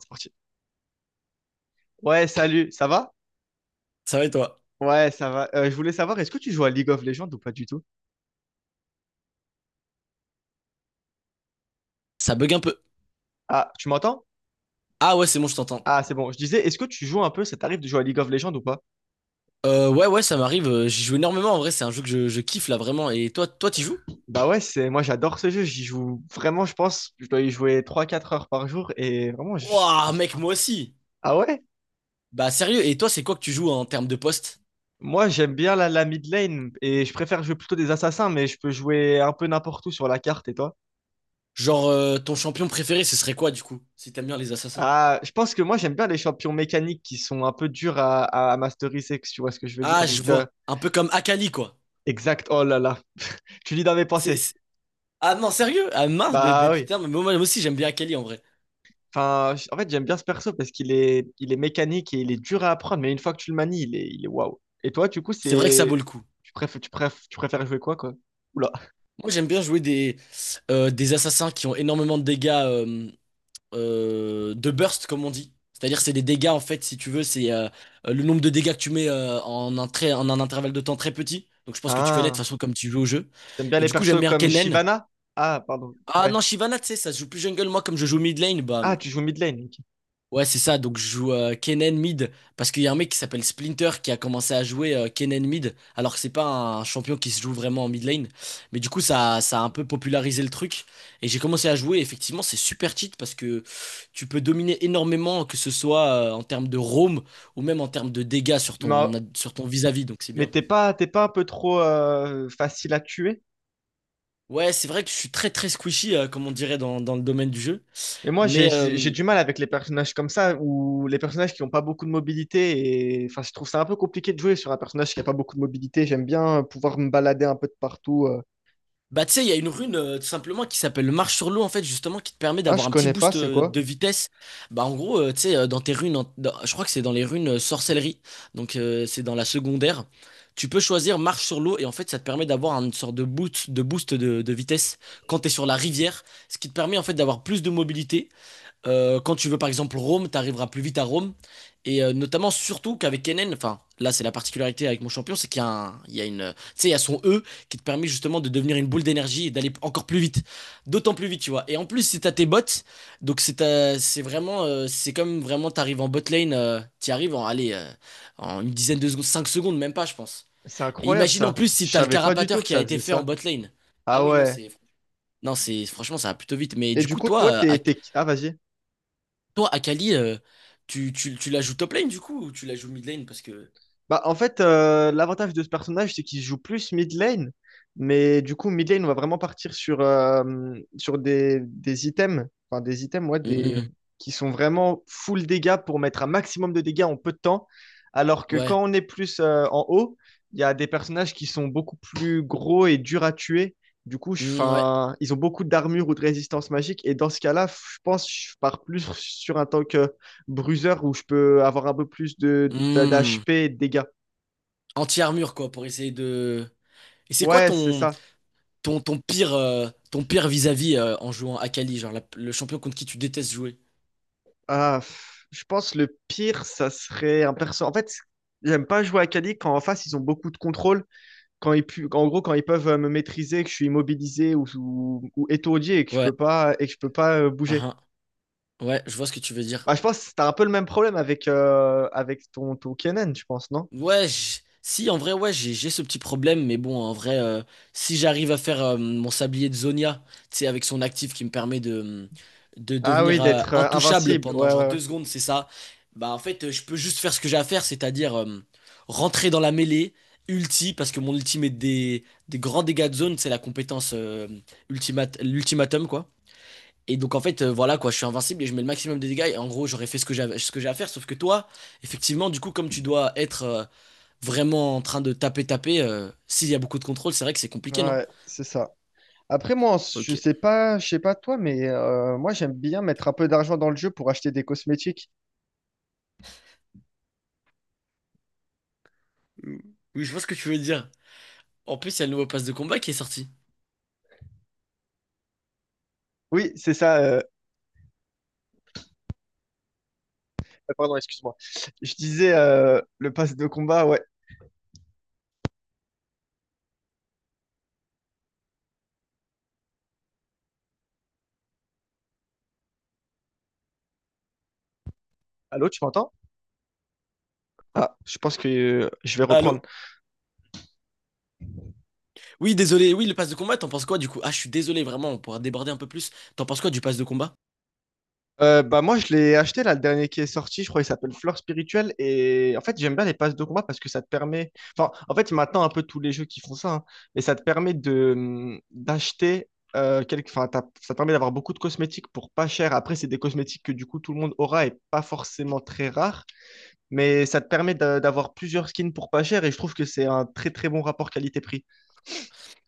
C'est parti. Ouais, salut, ça va? Ça va et toi? Ouais, ça va. Je voulais savoir, est-ce que tu joues à League of Legends ou pas du tout? Ça bug un peu. Ah, tu m'entends? Ah ouais, c'est bon, je t'entends. Ah, c'est bon. Je disais, est-ce que tu joues un peu, ça t'arrive de jouer à League of Legends ou pas? Ouais, ouais, ça m'arrive. J'y joue énormément en vrai. C'est un jeu que je kiffe là vraiment. Et toi, toi, t'y joues? Bah ouais, c'est moi j'adore ce jeu, j'y joue vraiment, je pense, je dois y jouer 3 4 heures par jour et vraiment, je... Ouah, je sais mec, pas. moi aussi. Ah ouais? Bah sérieux. Et toi, c'est quoi que tu joues en termes de poste? Moi j'aime bien la mid lane et je préfère jouer plutôt des assassins, mais je peux jouer un peu n'importe où sur la carte et toi? Genre ton champion préféré, ce serait quoi du coup? Si t'aimes bien les assassins. Ah, je pense que moi j'aime bien les champions mécaniques qui sont un peu durs à masteriser, si tu vois ce que je veux dire. Ah, je Donc, vois. Un peu comme Akali quoi. exact, oh là là. Tu lis dans C'est, pensé. c'est- Ah non, sérieux? Ah mince, mais, Bah oui. putain, mais moi, moi aussi j'aime bien Akali en vrai. Enfin, en fait, j'aime bien ce perso parce qu'il est mécanique et il est dur à apprendre, mais une fois que tu le manies, il est waouh. Et toi, du coup, C'est vrai que ça vaut c'est. le coup. Tu préfères jouer quoi, quoi? Oula. Moi, j'aime bien jouer des assassins qui ont énormément de dégâts. De burst, comme on dit. C'est-à-dire, c'est des dégâts, en fait, si tu veux, c'est le nombre de dégâts que tu mets en un très en un intervalle de temps très petit. Donc, je pense que tu connais de Ah, toute façon comme tu joues au jeu. t'aimes bien Et les du coup, j'aime persos bien comme Kennen. Shyvana? Ah, pardon. Ah Ouais. non, Shyvana, tu sais, ça se joue plus jungle. Moi, comme je joue mid lane, bah. Ah, tu joues mid lane. Ok. Ouais, c'est ça. Donc, je joue Kennen mid parce qu'il y a un mec qui s'appelle Splinter qui a commencé à jouer Kennen mid alors que c'est pas un champion qui se joue vraiment en mid lane. Mais du coup, ça a un peu popularisé le truc et j'ai commencé à jouer. Et effectivement, c'est super cheat parce que tu peux dominer énormément, que ce soit en termes de roam ou même en termes de dégâts sur Mais, sur ton vis-à-vis. Donc, c'est mais bien. t'es pas un peu trop facile à tuer? Ouais, c'est vrai que je suis très très squishy, comme on dirait dans le domaine du jeu. Mais moi, j'ai Mais, j'ai euh, du mal avec les personnages comme ça, ou les personnages qui n'ont pas beaucoup de mobilité. Et... Enfin, je trouve ça un peu compliqué de jouer sur un personnage qui n'a pas beaucoup de mobilité. J'aime bien pouvoir me balader un peu de partout. Bah, tu sais, il y a une rune tout simplement qui s'appelle Marche sur l'eau, en fait, justement, qui te permet Ah, d'avoir je un petit connais pas, boost c'est quoi? de vitesse. Bah, en gros, tu sais, dans tes runes, je crois que c'est dans les runes sorcellerie, donc c'est dans la secondaire. Tu peux choisir Marche sur l'eau et en fait, ça te permet d'avoir une sorte de boost de vitesse quand tu es sur la rivière, ce qui te permet en fait d'avoir plus de mobilité quand tu veux par exemple Rome, tu arriveras plus vite à Rome. Notamment, surtout qu'avec Kennen, enfin, là c'est la particularité avec mon champion, c'est qu'il y a une, tu sais, il y a son E qui te permet justement de devenir une boule d'énergie et d'aller encore plus vite. D'autant plus vite, tu vois. Et en plus, c'est à tes bots, donc c'est vraiment, c'est comme vraiment, t'arrives en bot lane, t'y arrives en, allez, en une dizaine de secondes, 5 secondes, même pas, je pense. C'est Et incroyable imagine en ça. plus si Je t'as le savais pas du tout carapateur que qui a ça été faisait fait en ça. bot lane. Ah Ah oui, non, ouais. Non, franchement, ça va plutôt vite. Mais Et du du coup, coup, toi, toi, t'es... Ah, vas-y. toi, Akali, tu la joues top lane du coup ou tu la joues mid lane parce que. Bah, en fait, l'avantage de ce personnage, c'est qu'il joue plus mid lane, mais du coup, mid lane, on va vraiment partir sur, sur des items, enfin des items, ouais, des... Hmm, qui sont vraiment full dégâts pour mettre un maximum de dégâts en peu de temps, alors que ouais. quand on est plus en haut, il y a des personnages qui sont beaucoup plus gros et durs à tuer. Du coup, Hmm, ouais. 'fin, ils ont beaucoup d'armure ou de résistance magique, et dans ce cas-là, je pense que je pars plus sur un tank bruiser où je peux avoir un peu plus de Hmm. d'HP et de dégâts. Anti-armure quoi pour essayer de. Et c'est quoi Ouais, c'est ton, ça. ton, ton pire ton pire vis-à-vis en jouant Akali, genre le champion contre qui tu détestes jouer? Ah, pff, je pense le pire, ça serait un perso. En fait, j'aime pas jouer à Kali quand en face ils ont beaucoup de contrôle. En gros, quand ils peuvent me maîtriser, que je suis immobilisé ou étourdi et que je Ouais. peux pas, et que je peux pas bouger. Uhum. Ouais, je vois ce que tu veux dire. Bah, je pense que t'as un peu le même problème avec ton Kennen, je pense, non? Ouais, si, en vrai, ouais, j'ai ce petit problème, mais bon, en vrai, si j'arrive à faire mon sablier de Zonia, tu sais, avec son actif qui me permet de Ah oui, devenir d'être intouchable invincible. pendant Ouais, genre ouais, ouais. 2 secondes, c'est ça, bah en fait, je peux juste faire ce que j'ai à faire, c'est-à-dire rentrer dans la mêlée, ulti, parce que mon ulti met des grands dégâts de zone, c'est la compétence l'ultimatum, quoi. Et donc en fait, voilà, quoi, je suis invincible et je mets le maximum de dégâts, et en gros, j'aurais fait ce que j'avais, ce que j'ai à faire, sauf que toi, effectivement, du coup, comme tu dois être... vraiment en train de taper, taper, s'il y a beaucoup de contrôle, c'est vrai que c'est compliqué, non? Ouais, c'est ça. Après, moi, je Ok. sais pas, je sais pas toi, mais moi, j'aime bien mettre un peu d'argent dans le jeu pour acheter des cosmétiques. Oui, je vois ce que tu veux dire. En plus, il y a le nouveau pass de combat qui est sorti. Oui, c'est ça. Pardon, excuse-moi. Je disais le pass de combat, ouais. Allô, tu m'entends? Ah, je pense que je vais Allô? reprendre. Oui, désolé. Oui, le pass de combat, t'en penses quoi du coup? Ah, je suis désolé, vraiment, on pourra déborder un peu plus. T'en penses quoi du pass de combat? Bah moi, je l'ai acheté là, le dernier qui est sorti, je crois qu'il s'appelle Fleur Spirituelle. Et en fait, j'aime bien les passes de combat parce que ça te permet. Enfin, en fait, maintenant, un peu tous les jeux qui font ça, hein, mais ça te permet de d'acheter. Enfin, ça te permet d'avoir beaucoup de cosmétiques pour pas cher. Après, c'est des cosmétiques que du coup tout le monde aura et pas forcément très rares. Mais ça te permet d'avoir plusieurs skins pour pas cher et je trouve que c'est un très très bon rapport qualité-prix.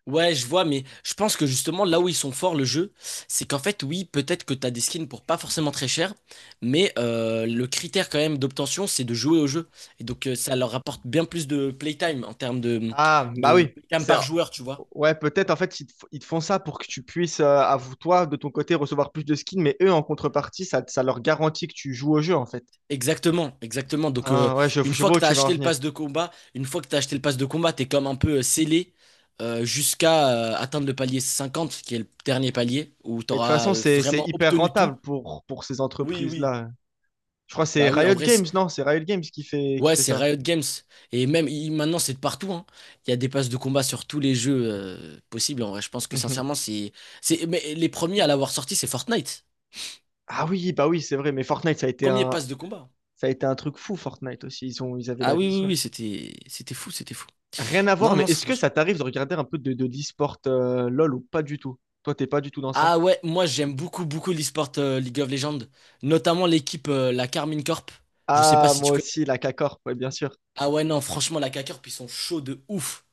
Ouais, je vois, mais je pense que justement, là où ils sont forts, le jeu, c'est qu'en fait, oui, peut-être que t'as des skins pour pas forcément très cher, mais le critère quand même d'obtention, c'est de jouer au jeu. Et donc, ça leur apporte bien plus de playtime en termes de, Ah, bah de oui. playtime C'est... par joueur, tu vois. Ouais, peut-être en fait, ils te font ça pour que tu puisses, à vous, toi, de ton côté, recevoir plus de skins, mais eux, en contrepartie, ça leur garantit que tu joues au jeu, en fait. Exactement, exactement. Donc, Ah, ouais, je, une je fois vois que où tu as tu veux en acheté le venir. pass de combat, une fois que tu acheté le pass de combat, tu es comme un peu scellé jusqu'à atteindre le palier 50, qui est le dernier palier, où tu Mais de toute auras façon, c'est vraiment hyper obtenu tout. rentable pour ces Oui, oui. entreprises-là. Je crois que c'est Bah oui, en Riot vrai, Games, non? C'est Riot Games qui fait, qui ouais, fait c'est ça. Riot Games. Et même maintenant, c'est de partout, hein. Il y a des passes de combat sur tous les jeux possibles. En vrai, je pense que Mhm. sincèrement, mais les premiers à l'avoir sorti, c'est Fortnite. Ah oui, bah oui, c'est vrai, mais Fortnite, ça a été Premier un, pass de combat. ça a été un truc fou, Fortnite aussi. Ils ont, ils avaient Ah la oui, oui, vision. oui, c'était fou, c'était fou. Rien à voir, Non, mais non, c'est est-ce que franchement. ça t'arrive de regarder un peu de l'e-sport LOL ou pas du tout? Toi, t'es pas du tout dans ça? Ah ouais, moi j'aime beaucoup beaucoup l'e-sport League of Legends, notamment l'équipe la Carmine Corp. Je sais pas Ah, si moi tu connais. aussi, la K-Corp, ouais, bien sûr. Ah ouais non, franchement la K-Corp ils sont chauds de ouf.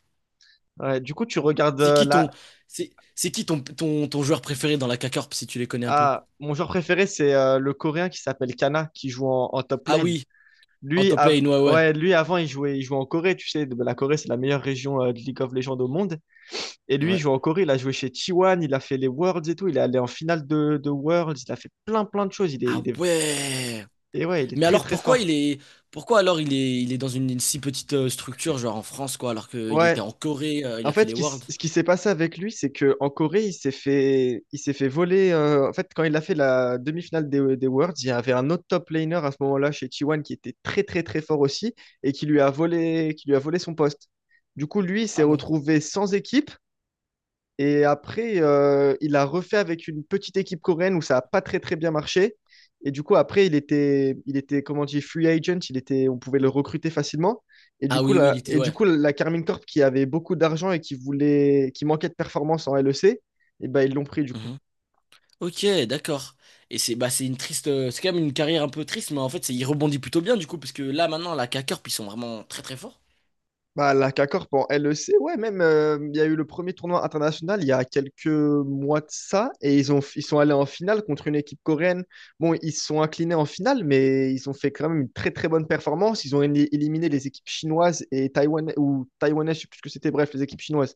Ouais, du coup, tu regardes C'est qui ton la... c'est qui ton joueur préféré dans la K-Corp si tu les connais un peu? Ah, mon joueur préféré, c'est le Coréen qui s'appelle Kana, qui joue en top Ah lane. oui, en Lui, top av- lane ouais ouais. ouais, lui avant, il jouait en Corée, tu sais. La Corée, c'est la meilleure région de League of Legends au monde. Et lui, il Ouais. joue en Corée, il a joué chez T1, il a fait les Worlds et tout. Il est allé en finale de Worlds, il a fait plein, plein de choses. Il est, Ah il est... ouais. Et ouais, il est Mais très, alors très pourquoi il fort. est Pourquoi alors il est dans une si petite structure genre en France quoi alors qu'il Ouais, était en Corée, il en a fait fait, ce les qui, s- Worlds. ce qui s'est passé avec lui, c'est que en Corée, il s'est fait voler. En fait, quand il a fait la demi-finale des Worlds, il y avait un autre top laner à ce moment-là chez T1 qui était très très très fort aussi et qui lui a volé son poste. Du coup, lui, il s'est Ah bon. retrouvé sans équipe et après, il a refait avec une petite équipe coréenne où ça n'a pas très très bien marché. Et du coup, après, il était comment dire, free agent, il était, on pouvait le recruter facilement. Et du Ah coup, oui oui, la, il était et du ouais. coup, la Carmine Corp qui avait beaucoup d'argent et qui voulait, qui manquait de performance en LEC, et ben, ils l'ont pris du coup. Mmh. Ok, d'accord. Et c'est bah, c'est une triste, c'est quand même une carrière un peu triste, mais en fait, il rebondit plutôt bien du coup, parce que là maintenant, la K-Corp, ils sont vraiment très très forts. Bah, la CACORP en LEC, ouais, même, il y a eu le premier tournoi international il y a quelques mois de ça, et ils sont allés en finale contre une équipe coréenne. Bon, ils se sont inclinés en finale, mais ils ont fait quand même une très très bonne performance. Ils ont éliminé les équipes chinoises et taïwanaises, ou taïwanaises, je sais plus ce que c'était, bref, les équipes chinoises.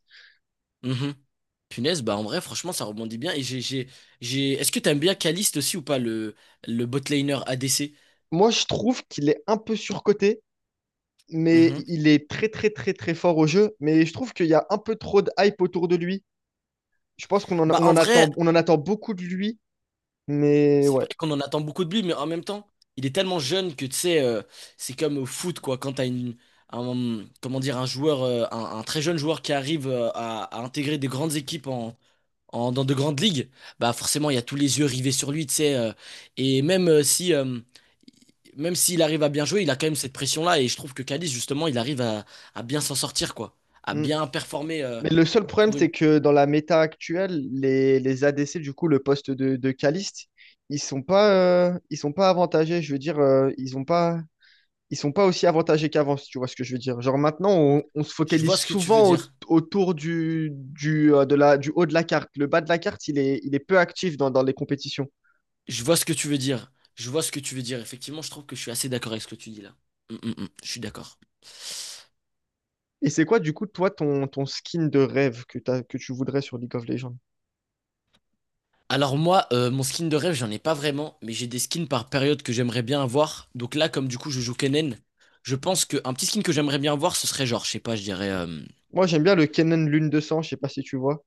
Mhm. Punaise, bah en vrai, franchement, ça rebondit bien. Est-ce que t'aimes bien Caliste aussi ou pas, le botlaner ADC? Moi, je trouve qu'il est un peu surcoté, mais Mhm. il est très très très très fort au jeu, mais je trouve qu'il y a un peu trop de hype autour de lui. Je pense qu'on en, a- Bah en vrai, on en attend beaucoup de lui, mais c'est vrai ouais. qu'on en attend beaucoup de lui, mais en même temps, il est tellement jeune que tu sais, c'est comme au foot, quoi, quand t'as comment dire, un joueur, un très jeune joueur qui arrive à intégrer des grandes équipes dans de grandes ligues, bah forcément il y a tous les yeux rivés sur lui, tu sais. Et même si même s'il arrive à bien jouer, il a quand même cette pression-là. Et je trouve que Calis, justement, il arrive à bien s'en sortir, quoi. À Mm. bien performer Mais le seul problème, pour une. c'est que dans la méta actuelle, les ADC, du coup, le poste de Caliste, ils sont pas avantagés. Je veux dire, ils sont pas aussi avantagés qu'avant, si tu vois ce que je veux dire. Genre maintenant, on se Je vois focalise ce que tu veux souvent dire. autour du haut de la carte. Le bas de la carte, il est peu actif dans les compétitions. Je vois ce que tu veux dire. Je vois ce que tu veux dire. Effectivement, je trouve que je suis assez d'accord avec ce que tu dis là. Mm, mm, mm. Je suis d'accord. Et c'est quoi, du coup, toi, ton skin de rêve que t'as, que tu voudrais sur League of Legends? Alors moi, mon skin de rêve, j'en ai pas vraiment, mais j'ai des skins par période que j'aimerais bien avoir. Donc là, comme du coup je joue Kennen, je pense qu'un petit skin que j'aimerais bien avoir, ce serait genre, je sais pas, je dirais, Moi, j'aime bien le Kennen Lune de Sang, je sais pas si tu vois.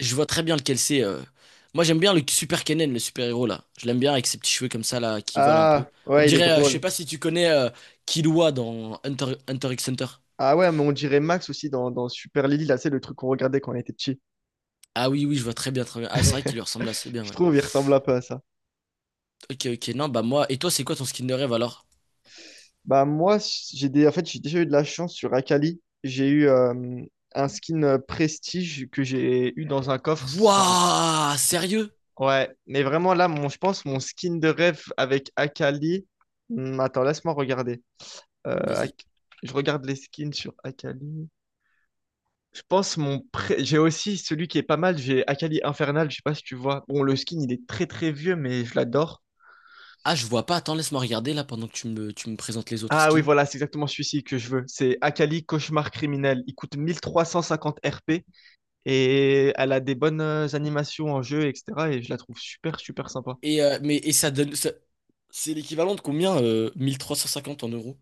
je vois très bien lequel c'est. Moi j'aime bien le super Kennen, le super-héros là. Je l'aime bien avec ses petits cheveux comme ça là, qui volent un peu. Ah, On ouais, il est dirait, je sais drôle. pas si tu connais Killua dans Hunter, Hunter x Hunter. Ah ouais, mais on dirait Max aussi dans Super Lily, là, c'est le truc qu'on regardait quand on était petit. Ah oui, oui, je vois très bien, très bien. Ah c'est vrai qu'il lui ressemble assez bien, Je ouais. trouve, il ressemble un peu à ça. Ok, ok, non, bah moi, et toi c'est quoi ton skin de rêve alors? Bah moi, j'ai des... en fait, j'ai déjà eu de la chance sur Akali. J'ai eu un skin Prestige que j'ai eu dans un coffre. Enfin, Wouah, sérieux? ouais, mais vraiment là, mon, je pense, mon skin de rêve avec Akali. Hmm, attends, laisse-moi regarder. Euh, Vas-y. Ak- Je regarde les skins sur Akali. Je pense mon pré- J'ai aussi celui qui est pas mal, j'ai Akali Infernal, je sais pas si tu vois. Bon, le skin, il est très très vieux, mais je l'adore. Ah, je vois pas. Attends, laisse-moi regarder là pendant que tu me présentes les autres Ah oui, skins. voilà, c'est exactement celui-ci que je veux. C'est Akali, Cauchemar criminel. Il coûte 1350 RP et elle a des bonnes animations en jeu, etc. Et je la trouve super, super sympa. Et, euh, mais, et ça donne. ça- C'est l'équivalent de combien 1350 en euros?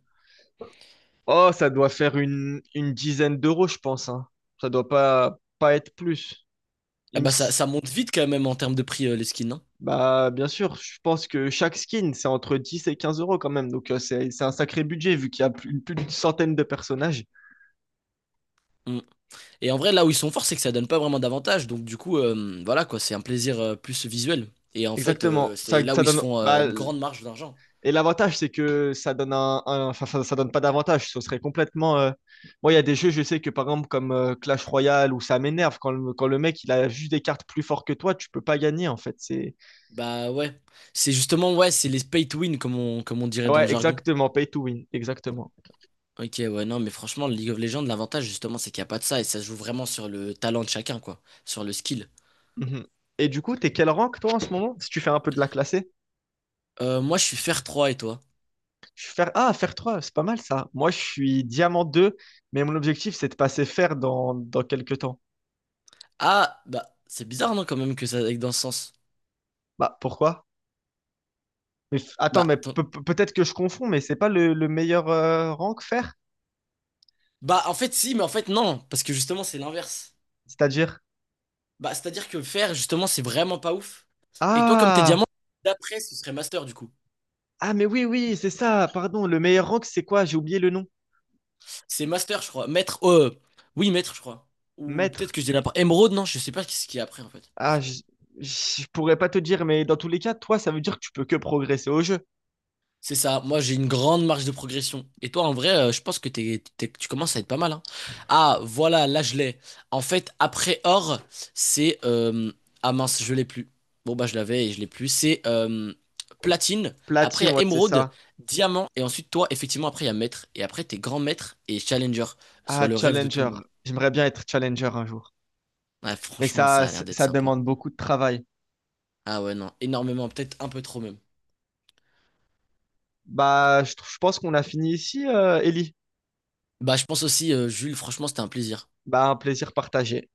Oh, ça doit faire une dizaine d'euros, je pense, hein. Ça doit pas être plus. Ah Il me bah ça, s- ça monte vite quand même en termes de prix les skins, hein. Bah, bien sûr, je pense que chaque skin, c'est entre 10 et 15 euros quand même. Donc, c'est un sacré budget vu qu'il y a plus d'une centaine de personnages. Mm. Et en vrai, là où ils sont forts, c'est que ça donne pas vraiment d'avantages. Donc du coup, voilà quoi, c'est un plaisir plus visuel. Et en fait, Exactement. Ça, c'est là où ça ils se donne. font Bah, une grande marge d'argent. et l'avantage, c'est que ça donne enfin, ça donne pas d'avantage. Ce serait complètement. Moi, il y a des jeux, je sais que par exemple, comme Clash Royale, où ça m'énerve quand le mec il a juste des cartes plus fortes que toi, tu peux pas gagner en fait. C'est Bah ouais. C'est justement, ouais, c'est les pay to win comme on dirait dans le ouais, jargon. exactement. Pay to win, exactement. Ok, ouais, non, mais franchement, le League of Legends, l'avantage justement, c'est qu'il n'y a pas de ça et ça se joue vraiment sur le talent de chacun, quoi, sur le skill. Mhm. Et du coup, t'es quel rank toi en ce moment? Si tu fais un peu de la classée, Moi, je suis fer trois et toi? je suis faire ah faire 3, c'est pas mal ça. Moi, je suis diamant 2, mais mon objectif c'est de passer fer dans quelques temps. Ah, bah, c'est bizarre, non, quand même, que ça aille dans ce sens. Bah pourquoi? Attends, Bah, mais ton- peut-être que je confonds, mais c'est pas le meilleur rank fer? Bah, en fait, si, mais en fait, non, parce que justement, c'est l'inverse. C'est-à-dire? Bah, c'est-à-dire que fer, justement, c'est vraiment pas ouf. Et toi, comme t'es Ah! diamant, d'après, ce serait master, du coup. Ah, mais oui, oui, c'est ça. Pardon, le meilleur rank, c'est quoi? J'ai oublié le nom. C'est master, je crois. Maître, oui, maître, je crois. Ou peut-être Maître. que je dis n'importe. Émeraude, non, je sais pas ce qu'il y a après, en fait. Ah, je pourrais pas te dire, mais dans tous les cas, toi, ça veut dire que tu peux que progresser au jeu. C'est ça, moi j'ai une grande marge de progression. Et toi en vrai, je pense que tu commences à être pas mal, hein. Ah voilà, là je l'ai. En fait, après or, c'est... Ah mince, je l'ai plus. Bon bah je l'avais et je l'ai plus. C'est platine, après il Platine, y a ouais, c'est émeraude, ça. diamant, et ensuite toi, effectivement, après il y a maître. Et après t'es grand maître et challenger, Ah, soit le rêve de tout challenger. le monde. J'aimerais bien être challenger un jour. Ouais, Mais franchement, ça, ça a l'air ça d'être ça sympa. demande beaucoup de travail. Ah ouais, non, énormément, peut-être un peu trop même. Bah, je pense qu'on a fini ici, Ellie. Bah je pense aussi, Jules, franchement c'était un plaisir. Bah, un plaisir partagé.